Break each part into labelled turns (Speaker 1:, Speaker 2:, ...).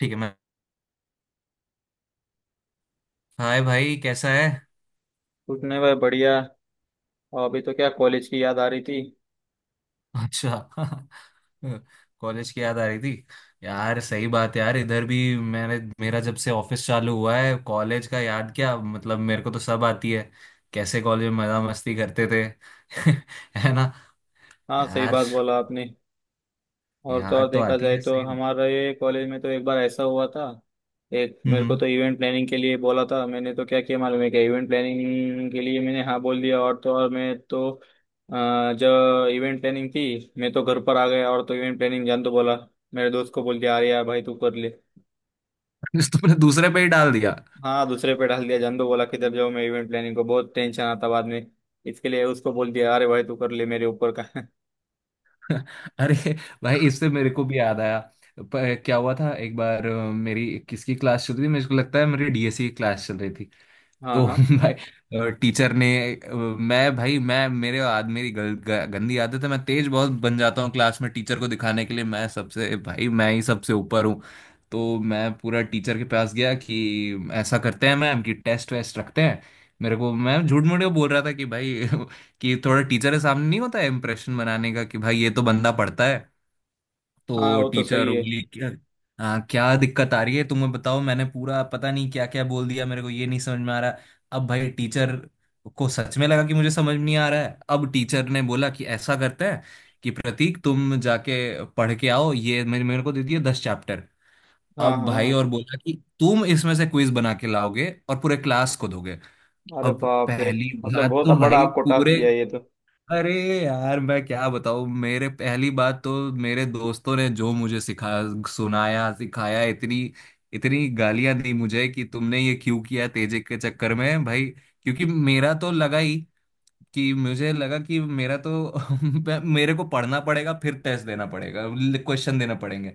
Speaker 1: ठीक है। मैं हाय भाई, कैसा है?
Speaker 2: कुछ नहीं भाई, बढ़िया। और अभी तो क्या, कॉलेज की याद आ रही थी।
Speaker 1: अच्छा। कॉलेज की याद आ रही थी। यार, सही बात है यार, इधर भी मैंने, मेरा जब से ऑफिस चालू हुआ है, कॉलेज का याद, क्या मतलब, मेरे को तो सब आती है, कैसे कॉलेज में मजा मस्ती करते थे। है ना
Speaker 2: हाँ, सही
Speaker 1: यार?
Speaker 2: बात बोला आपने। और तो और,
Speaker 1: याद तो
Speaker 2: देखा
Speaker 1: आती
Speaker 2: जाए
Speaker 1: है
Speaker 2: तो
Speaker 1: सही।
Speaker 2: हमारे कॉलेज में तो एक बार ऐसा हुआ था। एक मेरे को
Speaker 1: हम्म।
Speaker 2: तो इवेंट प्लानिंग के लिए बोला था, मैंने तो क्या किया मालूम है क्या, इवेंट प्लानिंग के लिए मैंने हाँ बोल दिया। और तो और मैं तो जब इवेंट प्लानिंग थी मैं तो घर पर आ गया, और तो इवेंट प्लानिंग जान तो बोला मेरे दोस्त को बोल दिया अरे यार भाई तू कर ले।
Speaker 1: तुमने दूसरे पे ही डाल दिया।
Speaker 2: हाँ, दूसरे पे डाल दिया, जान तो बोला किधर जाऊँ मैं, इवेंट प्लानिंग को बहुत टेंशन आता बाद में। इसके लिए उसको बोल दिया अरे भाई तू कर ले मेरे ऊपर का।
Speaker 1: अरे भाई, इससे मेरे को भी याद आया। क्या हुआ था एक बार, मेरी किसकी क्लास चल रही थी, मेरे को लगता है मेरी डीएससी की क्लास चल रही थी।
Speaker 2: हाँ
Speaker 1: तो
Speaker 2: हाँ
Speaker 1: भाई, टीचर ने, मैं भाई, मैं, मेरे आद मेरी गंदी आदत है, मैं तेज बहुत बन जाता हूँ क्लास में, टीचर को दिखाने के लिए मैं सबसे, भाई मैं ही सबसे ऊपर हूँ। तो मैं पूरा टीचर के पास गया कि ऐसा करते हैं मैम, कि टेस्ट वेस्ट रखते हैं। मेरे को, मैं झूठ मूठ बोल रहा था कि भाई कि थोड़ा टीचर के सामने नहीं होता है इम्प्रेशन बनाने का कि भाई ये तो बंदा पढ़ता है।
Speaker 2: हाँ,
Speaker 1: तो
Speaker 2: वो तो सही
Speaker 1: टीचर
Speaker 2: है।
Speaker 1: बोली क्या। हाँ, क्या दिक्कत आ रही है तुम्हें, बताओ। मैंने पूरा पता नहीं क्या क्या बोल दिया, मेरे को ये नहीं समझ में आ रहा। अब भाई टीचर को सच में लगा कि मुझे समझ में नहीं आ रहा है। अब टीचर ने बोला कि ऐसा करते हैं कि प्रतीक तुम जाके पढ़ के आओ, ये मेरे मेरे को दे दिए 10 चैप्टर।
Speaker 2: हाँ
Speaker 1: अब
Speaker 2: हाँ
Speaker 1: भाई
Speaker 2: हाँ।
Speaker 1: और बोला कि तुम इसमें से क्विज बना के लाओगे और पूरे क्लास को दोगे।
Speaker 2: अरे
Speaker 1: अब
Speaker 2: बाप रे।
Speaker 1: पहली
Speaker 2: मतलब
Speaker 1: बात
Speaker 2: बहुत
Speaker 1: तो
Speaker 2: बड़ा
Speaker 1: भाई
Speaker 2: आपको टास्क
Speaker 1: पूरे,
Speaker 2: दिया ये तो।
Speaker 1: अरे यार मैं क्या बताऊँ, मेरे पहली बात तो मेरे दोस्तों ने जो मुझे सिखा सुनाया सिखाया, इतनी इतनी गालियां दी मुझे कि तुमने ये क्यों किया तेजिक के चक्कर में भाई, क्योंकि मेरा तो लगा ही, कि मुझे लगा कि मेरा तो, मेरे को पढ़ना पड़ेगा, फिर टेस्ट देना पड़ेगा, क्वेश्चन देना पड़ेंगे,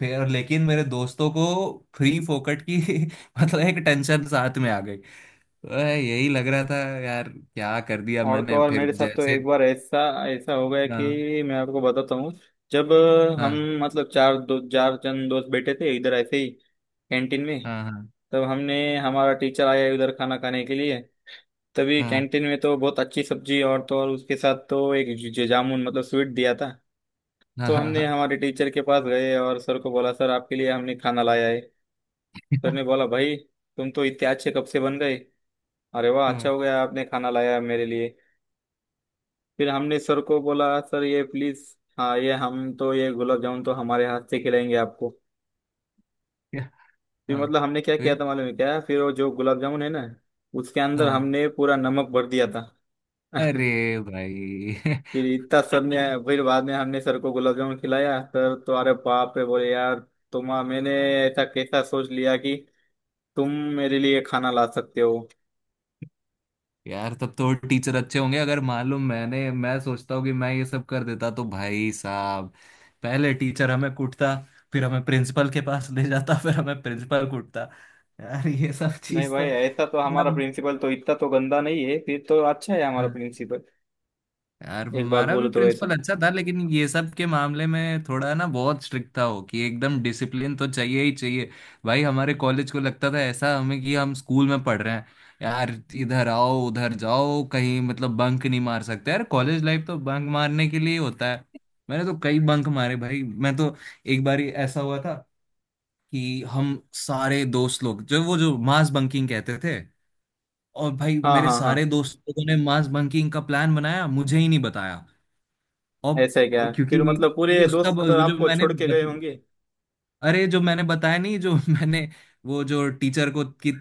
Speaker 1: फिर। लेकिन मेरे दोस्तों को फ्री फोकट की मतलब एक टेंशन साथ में आ गई। अरे यही लग रहा था यार, क्या कर दिया
Speaker 2: और तो
Speaker 1: मैंने,
Speaker 2: और
Speaker 1: फिर
Speaker 2: मेरे साथ तो
Speaker 1: जैसे।
Speaker 2: एक बार ऐसा ऐसा हो गया
Speaker 1: हाँ,
Speaker 2: कि मैं आपको बताता हूँ। जब हम,
Speaker 1: हाँ,
Speaker 2: मतलब चार दो चार जन दोस्त बैठे थे इधर ऐसे ही, कैंटीन में।
Speaker 1: हाँ, हाँ,
Speaker 2: तब हमने हमारा टीचर आया इधर खाना खाने के लिए। तभी
Speaker 1: हाँ,
Speaker 2: कैंटीन में तो बहुत अच्छी सब्जी, और तो और उसके साथ तो एक जामुन मतलब स्वीट दिया था।
Speaker 1: हाँ,
Speaker 2: तो
Speaker 1: हाँ,
Speaker 2: हमने
Speaker 1: हाँ,
Speaker 2: हमारे टीचर के पास गए और सर को बोला सर आपके लिए हमने खाना लाया है। सर
Speaker 1: क्या-
Speaker 2: ने बोला भाई, तुम तो इतने अच्छे कब से बन गए, अरे वाह, अच्छा
Speaker 1: हाँ,
Speaker 2: हो गया आपने खाना लाया मेरे लिए। फिर हमने सर को बोला सर ये प्लीज, हाँ ये हम तो ये गुलाब जामुन तो हमारे हाथ से खिलाएंगे आपको।
Speaker 1: क्या-
Speaker 2: फिर
Speaker 1: हाँ,
Speaker 2: मतलब हमने क्या किया
Speaker 1: फिर
Speaker 2: था मालूम है क्या, फिर वो जो गुलाब जामुन है ना, उसके अंदर
Speaker 1: हाँ।
Speaker 2: हमने पूरा नमक भर दिया था।
Speaker 1: अरे भाई।
Speaker 2: फिर इतना सर ने, फिर बाद में हमने सर को गुलाब जामुन खिलाया, सर तो अरे बाप रे बोले, यार तुम, मैंने ऐसा कैसा सोच लिया कि तुम मेरे लिए खाना ला सकते हो।
Speaker 1: यार, तब तो टीचर अच्छे होंगे, अगर मालूम मैंने, मैं सोचता हूँ कि मैं ये सब कर देता तो भाई साहब, पहले टीचर हमें कूटता, फिर हमें प्रिंसिपल के पास ले जाता, फिर हमें प्रिंसिपल कूटता। यार ये सब
Speaker 2: नहीं
Speaker 1: चीज
Speaker 2: भाई,
Speaker 1: तो
Speaker 2: ऐसा तो हमारा
Speaker 1: मतलब।
Speaker 2: प्रिंसिपल तो इतना तो गंदा नहीं है, फिर तो अच्छा है हमारा
Speaker 1: हाँ।
Speaker 2: प्रिंसिपल।
Speaker 1: यार
Speaker 2: एक बात
Speaker 1: हमारा
Speaker 2: बोलो
Speaker 1: भी
Speaker 2: तो ऐसा।
Speaker 1: प्रिंसिपल अच्छा था, लेकिन ये सब के मामले में थोड़ा ना बहुत स्ट्रिक्ट था, हो कि एकदम डिसिप्लिन तो चाहिए ही चाहिए। भाई हमारे कॉलेज को लगता था ऐसा हमें कि हम स्कूल में पढ़ रहे हैं। यार इधर आओ उधर जाओ कहीं, मतलब बंक नहीं मार सकते, यार कॉलेज लाइफ तो बंक मारने के लिए ही होता है। मैंने तो कई बंक मारे भाई, मैं तो एक बार ऐसा हुआ था कि हम सारे दोस्त लोग जो, वो जो मास बंकिंग कहते थे, और भाई
Speaker 2: हाँ
Speaker 1: मेरे
Speaker 2: हाँ हाँ।
Speaker 1: सारे दोस्त लोगों ने मास बंकिंग का प्लान बनाया, मुझे ही नहीं बताया।
Speaker 2: ऐसा है क्या,
Speaker 1: और
Speaker 2: फिर
Speaker 1: क्योंकि
Speaker 2: मतलब पूरे
Speaker 1: उसका
Speaker 2: दोस्त
Speaker 1: वो जो
Speaker 2: आपको
Speaker 1: मैंने
Speaker 2: छोड़ के गए होंगे।
Speaker 1: अरे जो मैंने बताया नहीं, जो मैंने वो जो टीचर को की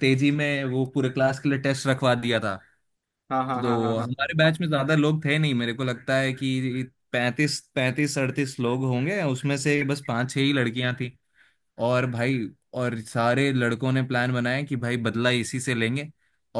Speaker 1: तेजी में वो पूरे क्लास के लिए टेस्ट रखवा दिया था।
Speaker 2: हाँ हाँ हाँ हाँ
Speaker 1: तो
Speaker 2: हाँ।
Speaker 1: हमारे बैच में ज्यादा लोग थे नहीं, मेरे को लगता है कि पैंतीस, पैंतीस, अड़तीस लोग होंगे, उसमें से बस पांच छह ही लड़कियां थी। और भाई, और सारे लड़कों ने प्लान बनाया कि भाई बदला इसी से लेंगे,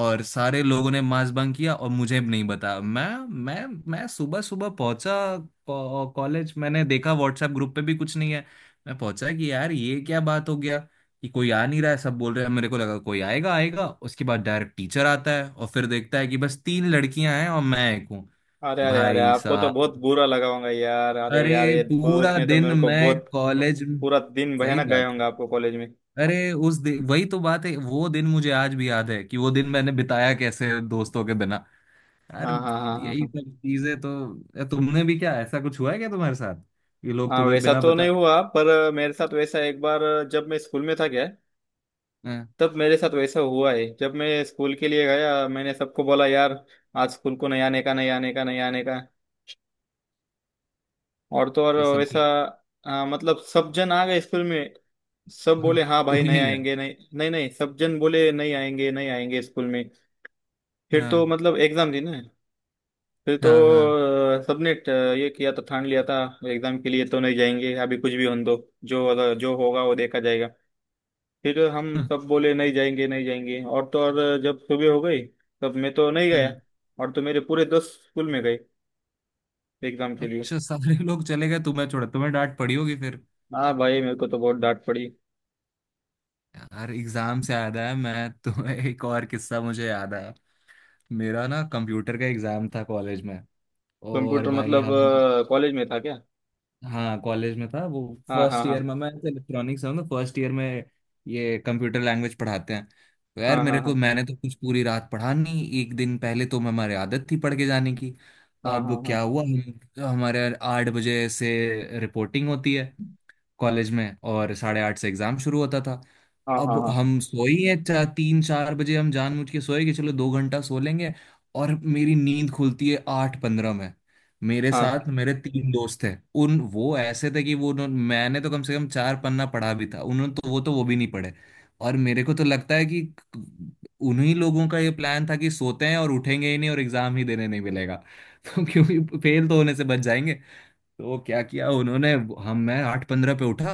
Speaker 1: और सारे लोगों ने मास बंक किया और मुझे भी नहीं बताया। मैं मैं सुबह सुबह पहुंचा कॉलेज, मैंने देखा व्हाट्सएप ग्रुप पे भी कुछ नहीं है। मैं पहुंचा कि यार ये क्या बात हो गया कि कोई आ नहीं रहा है, सब बोल रहे हैं, मेरे को लगा कोई आएगा आएगा। उसके बाद डायरेक्ट टीचर आता है और फिर देखता है कि बस तीन लड़कियां हैं और मैं एक हूँ।
Speaker 2: अरे अरे अरे,
Speaker 1: भाई
Speaker 2: आपको तो
Speaker 1: साहब,
Speaker 2: बहुत बुरा लगा होगा यार, अरे
Speaker 1: अरे
Speaker 2: यार ये दोस्त
Speaker 1: पूरा
Speaker 2: ने तो
Speaker 1: दिन
Speaker 2: मेरे को
Speaker 1: मैं
Speaker 2: बहुत।
Speaker 1: कॉलेज।
Speaker 2: पूरा दिन
Speaker 1: सही
Speaker 2: भयानक गए
Speaker 1: बात।
Speaker 2: होंगे आपको कॉलेज में।
Speaker 1: अरे उस दिन, वही तो बात है, वो दिन मुझे आज भी याद है कि वो दिन मैंने बिताया कैसे दोस्तों के बिना। यार,
Speaker 2: हाँ हाँ हाँ हाँ
Speaker 1: यही
Speaker 2: हाँ।
Speaker 1: सब चीजें, तो तुमने भी क्या ऐसा कुछ हुआ है क्या तुम्हारे साथ, ये लोग
Speaker 2: हाँ
Speaker 1: तुम्हें
Speaker 2: वैसा
Speaker 1: बिना
Speaker 2: तो नहीं
Speaker 1: बताए।
Speaker 2: हुआ, पर मेरे साथ वैसा एक बार जब मैं स्कूल में था क्या,
Speaker 1: हाँ,
Speaker 2: तब मेरे साथ वैसा हुआ है। जब मैं स्कूल के लिए गया मैंने सबको बोला यार आज स्कूल को नहीं आने का, नहीं आने का, नहीं आने का। और तो और
Speaker 1: तो सब
Speaker 2: वैसा,
Speaker 1: कुछ।
Speaker 2: हाँ, मतलब सब जन आ गए स्कूल में। सब
Speaker 1: हाँ,
Speaker 2: बोले हाँ भाई
Speaker 1: तुम ही
Speaker 2: नहीं
Speaker 1: नहीं गए।
Speaker 2: आएंगे नहीं नहीं नहीं, सब जन बोले नहीं आएंगे नहीं आएंगे स्कूल में। फिर तो
Speaker 1: हाँ,
Speaker 2: मतलब एग्जाम थी ना। फिर तो
Speaker 1: हाँ, हाँ।
Speaker 2: अ, सबने ट- ये किया था, ठान लिया था एग्जाम के लिए तो नहीं जाएंगे, अभी कुछ भी होने दो, जो अगर- जो होगा वो देखा जाएगा। फिर हम
Speaker 1: हम्म।
Speaker 2: सब बोले नहीं जाएंगे नहीं जाएंगे। और तो और जब सुबह हो गई तब मैं तो नहीं गया।
Speaker 1: हम्म।
Speaker 2: और तो मेरे पूरे दोस्त स्कूल में गए एग्जाम के लिए।
Speaker 1: अच्छा, सारे लोग चले गए, तुम्हें छोड़ा, तुम्हें डांट पड़ी होगी फिर।
Speaker 2: हाँ भाई, मेरे को तो बहुत डांट पड़ी।
Speaker 1: यार एग्जाम से याद आया, मैं तुम्हें एक और किस्सा मुझे याद आया। मेरा ना कंप्यूटर का एग्जाम था कॉलेज में, और
Speaker 2: कंप्यूटर
Speaker 1: भाई
Speaker 2: मतलब,
Speaker 1: हम।
Speaker 2: कॉलेज में था क्या।
Speaker 1: हाँ, कॉलेज में था वो।
Speaker 2: हाँ हाँ
Speaker 1: फर्स्ट
Speaker 2: हाँ।
Speaker 1: ईयर में मैं इलेक्ट्रॉनिक्स हूँ ना, फर्स्ट ईयर में ये कंप्यूटर लैंग्वेज पढ़ाते हैं। तो यार
Speaker 2: हाँ हाँ
Speaker 1: मेरे को,
Speaker 2: हाँ।
Speaker 1: मैंने तो कुछ पूरी रात पढ़ा नहीं, एक दिन पहले तो हमारी आदत थी पढ़ के जाने की।
Speaker 2: हाँ हाँ
Speaker 1: अब
Speaker 2: हाँ
Speaker 1: क्या हुआ, हम हमारे 8 बजे से रिपोर्टिंग होती है कॉलेज में, और 8:30 से एग्जाम शुरू होता था।
Speaker 2: हाँ
Speaker 1: अब
Speaker 2: हाँ हाँ
Speaker 1: हम सोई हैं चार, तीन चार बजे, हम जानबूझ के सोए कि चलो 2 घंटा सो लेंगे, और मेरी नींद खुलती है 8:15 में। मेरे
Speaker 2: हाँ।
Speaker 1: साथ मेरे तीन दोस्त थे, उन, वो ऐसे थे कि मैंने तो कम से कम चार पन्ना पढ़ा भी था, उन्होंने तो वो, तो वो भी नहीं पढ़े। और मेरे को तो लगता है कि उन्हीं लोगों का ये प्लान था कि सोते हैं और उठेंगे ही नहीं, और एग्जाम ही देने नहीं मिलेगा। तो क्योंकि फेल तो होने से बच जाएंगे। तो क्या किया उन्होंने, हम मैं 8:15 पे उठा,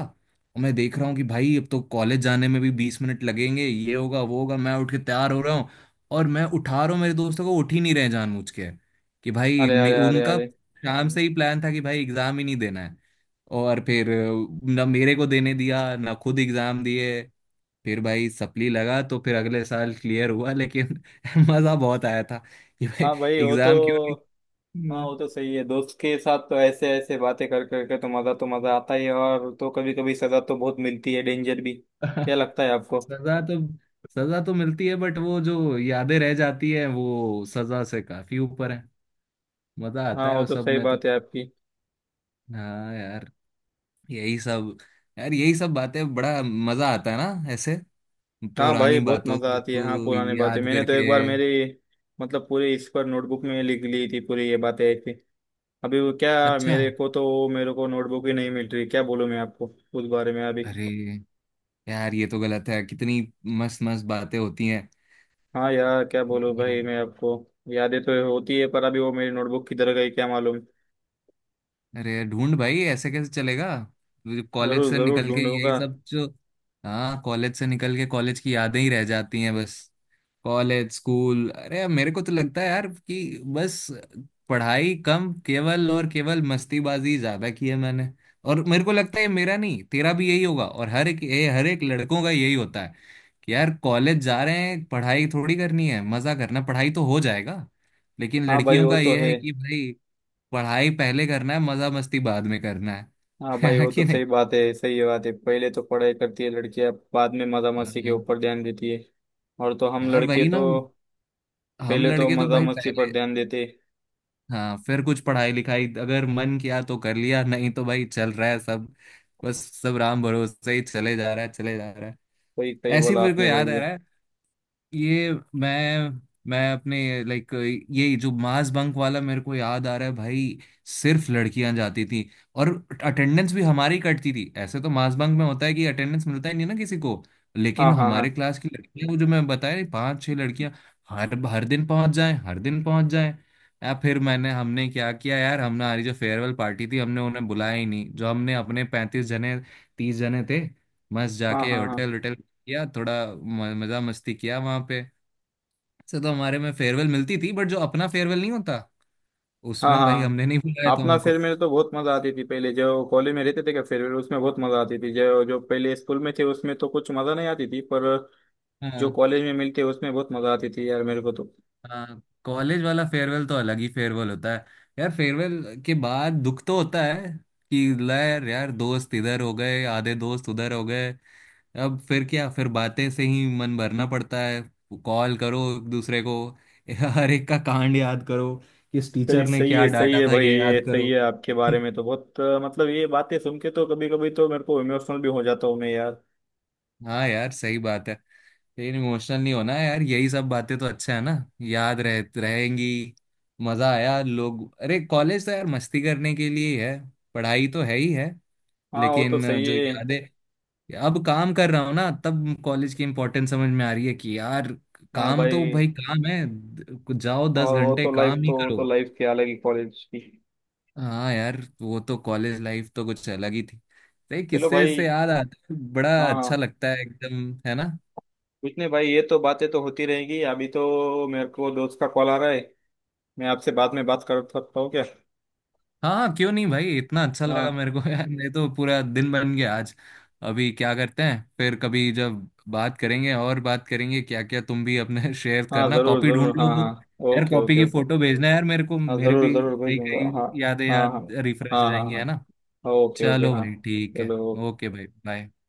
Speaker 1: और मैं देख रहा हूँ कि भाई अब तो कॉलेज जाने में भी 20 मिनट लगेंगे, ये होगा वो होगा, मैं उठ के तैयार हो रहा हूँ। और मैं उठा रहा हूँ मेरे दोस्तों को, उठ ही नहीं रहे जानबूझ के। कि भाई
Speaker 2: अरे अरे अरे
Speaker 1: उनका
Speaker 2: अरे।
Speaker 1: शाम से ही प्लान था कि भाई एग्जाम ही नहीं देना है। और फिर ना मेरे को देने दिया ना खुद एग्जाम दिए। फिर भाई सप्ली लगा, तो फिर अगले साल क्लियर हुआ, लेकिन मजा बहुत आया था कि भाई,
Speaker 2: हाँ भाई वो तो।
Speaker 1: एग्जाम क्यों नहीं।
Speaker 2: हाँ वो तो सही है, दोस्त के साथ तो ऐसे ऐसे बातें कर कर के तो मज़ा आता ही है, और तो कभी कभी सज़ा तो बहुत मिलती है, डेंजर भी। क्या लगता है आपको।
Speaker 1: सजा तो, सजा तो मिलती है, बट वो जो यादें रह जाती है वो सजा से काफी ऊपर है। मजा आता
Speaker 2: हाँ
Speaker 1: है
Speaker 2: वो
Speaker 1: वो
Speaker 2: तो
Speaker 1: सब
Speaker 2: सही
Speaker 1: में तो।
Speaker 2: बात है आपकी।
Speaker 1: हाँ यार, यही सब, यार यही सब बातें, बड़ा मजा आता है ना ऐसे
Speaker 2: हाँ भाई
Speaker 1: पुरानी
Speaker 2: बहुत
Speaker 1: बातों
Speaker 2: मज़ा आती है, हाँ
Speaker 1: को
Speaker 2: पुरानी बातें
Speaker 1: याद
Speaker 2: मैंने तो
Speaker 1: करके।
Speaker 2: एक बार मेरी, मतलब पूरी इस पर नोटबुक में लिख ली थी, पूरी ये बातें ऐसी। अभी वो क्या,
Speaker 1: अच्छा।
Speaker 2: मेरे को तो वो मेरे को नोटबुक ही नहीं मिल रही, क्या बोलूँ मैं आपको उस बारे में अभी।
Speaker 1: अरे यार, ये तो गलत है। कितनी मस्त मस्त बातें होती
Speaker 2: हाँ यार क्या बोलूं भाई
Speaker 1: हैं।
Speaker 2: मैं आपको, यादें तो होती है पर अभी वो मेरी नोटबुक किधर गई क्या मालूम।
Speaker 1: अरे यार, ढूंढ भाई, ऐसे कैसे चलेगा, कॉलेज
Speaker 2: जरूर
Speaker 1: से
Speaker 2: जरूर
Speaker 1: निकल के यही
Speaker 2: ढूंढूंगा।
Speaker 1: सब जो। हाँ, कॉलेज से निकल के कॉलेज की यादें ही रह जाती हैं बस। कॉलेज, स्कूल, अरे यार, मेरे को तो लगता है यार कि बस पढ़ाई कम, केवल और केवल मस्तीबाजी ज्यादा की है मैंने। और मेरे को लगता है ये मेरा नहीं, तेरा भी यही होगा, और हर एक, ये हर एक लड़कों का यही होता है कि यार कॉलेज जा रहे हैं, पढ़ाई थोड़ी करनी है, मजा करना, पढ़ाई तो हो जाएगा। लेकिन
Speaker 2: हाँ भाई
Speaker 1: लड़कियों
Speaker 2: वो
Speaker 1: का
Speaker 2: तो
Speaker 1: ये
Speaker 2: है।
Speaker 1: है कि भाई पढ़ाई पहले करना है, मजा मस्ती बाद में करना
Speaker 2: हाँ
Speaker 1: है।
Speaker 2: भाई
Speaker 1: है
Speaker 2: वो तो
Speaker 1: कि नहीं?
Speaker 2: सही बात है, सही बात है। पहले तो पढ़ाई करती है लड़कियां, बाद में मजा मस्ती के
Speaker 1: हाँ,
Speaker 2: ऊपर ध्यान देती है। और तो हम
Speaker 1: यार
Speaker 2: लड़के
Speaker 1: वही ना,
Speaker 2: तो
Speaker 1: हम
Speaker 2: पहले तो
Speaker 1: लड़के तो
Speaker 2: मजा
Speaker 1: भाई
Speaker 2: मस्ती पर
Speaker 1: पहले।
Speaker 2: ध्यान देते।
Speaker 1: हाँ, फिर कुछ पढ़ाई लिखाई अगर मन किया तो कर लिया, नहीं तो भाई चल रहा है सब। बस सब राम भरोसे ही चले जा रहा है, चले जा रहा है।
Speaker 2: सही सही
Speaker 1: ऐसी
Speaker 2: बोला
Speaker 1: मेरे को
Speaker 2: आपने भाई
Speaker 1: याद आ
Speaker 2: ये।
Speaker 1: रहा है, ये मैं, अपने, लाइक, ये जो मास बंक वाला मेरे को याद आ रहा है भाई, सिर्फ लड़कियां जाती थी, और अटेंडेंस भी हमारी कटती थी। ऐसे तो मास बंक में होता है कि अटेंडेंस मिलता ही नहीं ना किसी को,
Speaker 2: हाँ
Speaker 1: लेकिन
Speaker 2: हाँ हाँ
Speaker 1: हमारे क्लास की लड़कियां, वो जो मैं बताया पांच छह लड़कियां, हर हर दिन पहुंच जाए, हर दिन पहुंच जाए। या फिर मैंने, हमने क्या किया यार, हमने हमारी जो फेयरवेल पार्टी थी, हमने उन्हें बुलाया ही नहीं। जो हमने अपने 35 जने, 30 जने थे, मस्त
Speaker 2: हाँ
Speaker 1: जाके
Speaker 2: हाँ हाँ
Speaker 1: होटल होटल किया, थोड़ा मजा मस्ती किया वहां पे। से तो हमारे में फेयरवेल मिलती थी, बट जो अपना फेयरवेल नहीं होता
Speaker 2: हाँ
Speaker 1: उसमें
Speaker 2: हाँ
Speaker 1: भाई
Speaker 2: हाँ।
Speaker 1: हमने नहीं बुलाया था
Speaker 2: अपना
Speaker 1: उनको।
Speaker 2: फेयरवेल में तो बहुत मजा आती थी, पहले जो कॉलेज में रहते थे क्या फेयरवेल उसमें बहुत मजा आती थी, जो जो पहले स्कूल में थे उसमें तो कुछ मजा नहीं आती थी, पर
Speaker 1: हाँ,
Speaker 2: जो कॉलेज में मिलते उसमें बहुत मजा आती थी यार मेरे को तो।
Speaker 1: हाँ, कॉलेज वाला फेयरवेल तो अलग ही फेयरवेल होता है। यार फेयरवेल के बाद दुख तो होता है कि यार, यार दोस्त इधर हो गए, आधे दोस्त उधर हो गए। अब फिर क्या, फिर बातें से ही मन भरना पड़ता है, कॉल करो एक दूसरे को। हर एक का कांड याद करो, किस
Speaker 2: सही
Speaker 1: टीचर ने
Speaker 2: सही
Speaker 1: क्या
Speaker 2: है, सही
Speaker 1: डांटा
Speaker 2: है
Speaker 1: था
Speaker 2: भाई,
Speaker 1: ये
Speaker 2: ये
Speaker 1: याद
Speaker 2: सही
Speaker 1: करो।
Speaker 2: है। आपके बारे में तो बहुत, मतलब ये बातें सुन के तो कभी कभी तो मेरे को इमोशनल भी हो जाता हूँ मैं यार।
Speaker 1: हाँ यार, सही बात है। फिर इमोशनल नहीं होना है यार, यही सब बातें तो अच्छा है ना, याद रह रहेंगी, मजा आया लोग। अरे कॉलेज तो यार मस्ती करने के लिए ही है, पढ़ाई तो है ही है,
Speaker 2: हाँ वो तो
Speaker 1: लेकिन
Speaker 2: सही
Speaker 1: जो
Speaker 2: है।
Speaker 1: यादें। अब काम कर रहा हूँ ना, तब कॉलेज की इंपॉर्टेंस समझ में आ रही है कि यार,
Speaker 2: हाँ
Speaker 1: काम तो
Speaker 2: भाई।
Speaker 1: भाई काम है, जाओ, दस
Speaker 2: और
Speaker 1: घंटे काम ही
Speaker 2: वो
Speaker 1: करो।
Speaker 2: तो लाइफ की अलग ही कॉलेज की।
Speaker 1: हाँ यार, वो तो कॉलेज लाइफ तो कुछ अलग ही थी, तो ये
Speaker 2: चलो
Speaker 1: किस्से
Speaker 2: भाई।
Speaker 1: से याद आता है बड़ा
Speaker 2: हाँ
Speaker 1: अच्छा
Speaker 2: हाँ।
Speaker 1: लगता है एकदम, है ना?
Speaker 2: कुछ नहीं भाई, ये तो बातें तो होती रहेंगी, अभी तो मेरे को दोस्त का कॉल आ रहा है, मैं आपसे बाद में बात कर सकता हूँ क्या।
Speaker 1: हाँ, हाँ, क्यों नहीं भाई, इतना अच्छा लगा
Speaker 2: हाँ
Speaker 1: मेरे को। यार ये तो पूरा दिन बन गया आज। अभी क्या करते हैं, फिर कभी जब बात करेंगे और बात करेंगे, क्या क्या, तुम भी अपने शेयर
Speaker 2: हाँ
Speaker 1: करना,
Speaker 2: जरूर
Speaker 1: कॉपी ढूंढ
Speaker 2: जरूर,
Speaker 1: लो
Speaker 2: हाँ हाँ,
Speaker 1: वो। यार
Speaker 2: ओके
Speaker 1: कॉपी
Speaker 2: ओके
Speaker 1: की
Speaker 2: ओके।
Speaker 1: फोटो भेजना यार मेरे को,
Speaker 2: हाँ
Speaker 1: मेरे
Speaker 2: जरूर
Speaker 1: भी
Speaker 2: जरूर
Speaker 1: कई
Speaker 2: भेजूंगा, हाँ
Speaker 1: कई यादें,
Speaker 2: हाँ हाँ
Speaker 1: याद रिफ्रेश हो
Speaker 2: हाँ हाँ
Speaker 1: जाएंगी, है ना?
Speaker 2: हाँ। ओके ओके
Speaker 1: चलो
Speaker 2: हाँ।
Speaker 1: भाई, ठीक है,
Speaker 2: चलो।
Speaker 1: ओके भाई, बाय।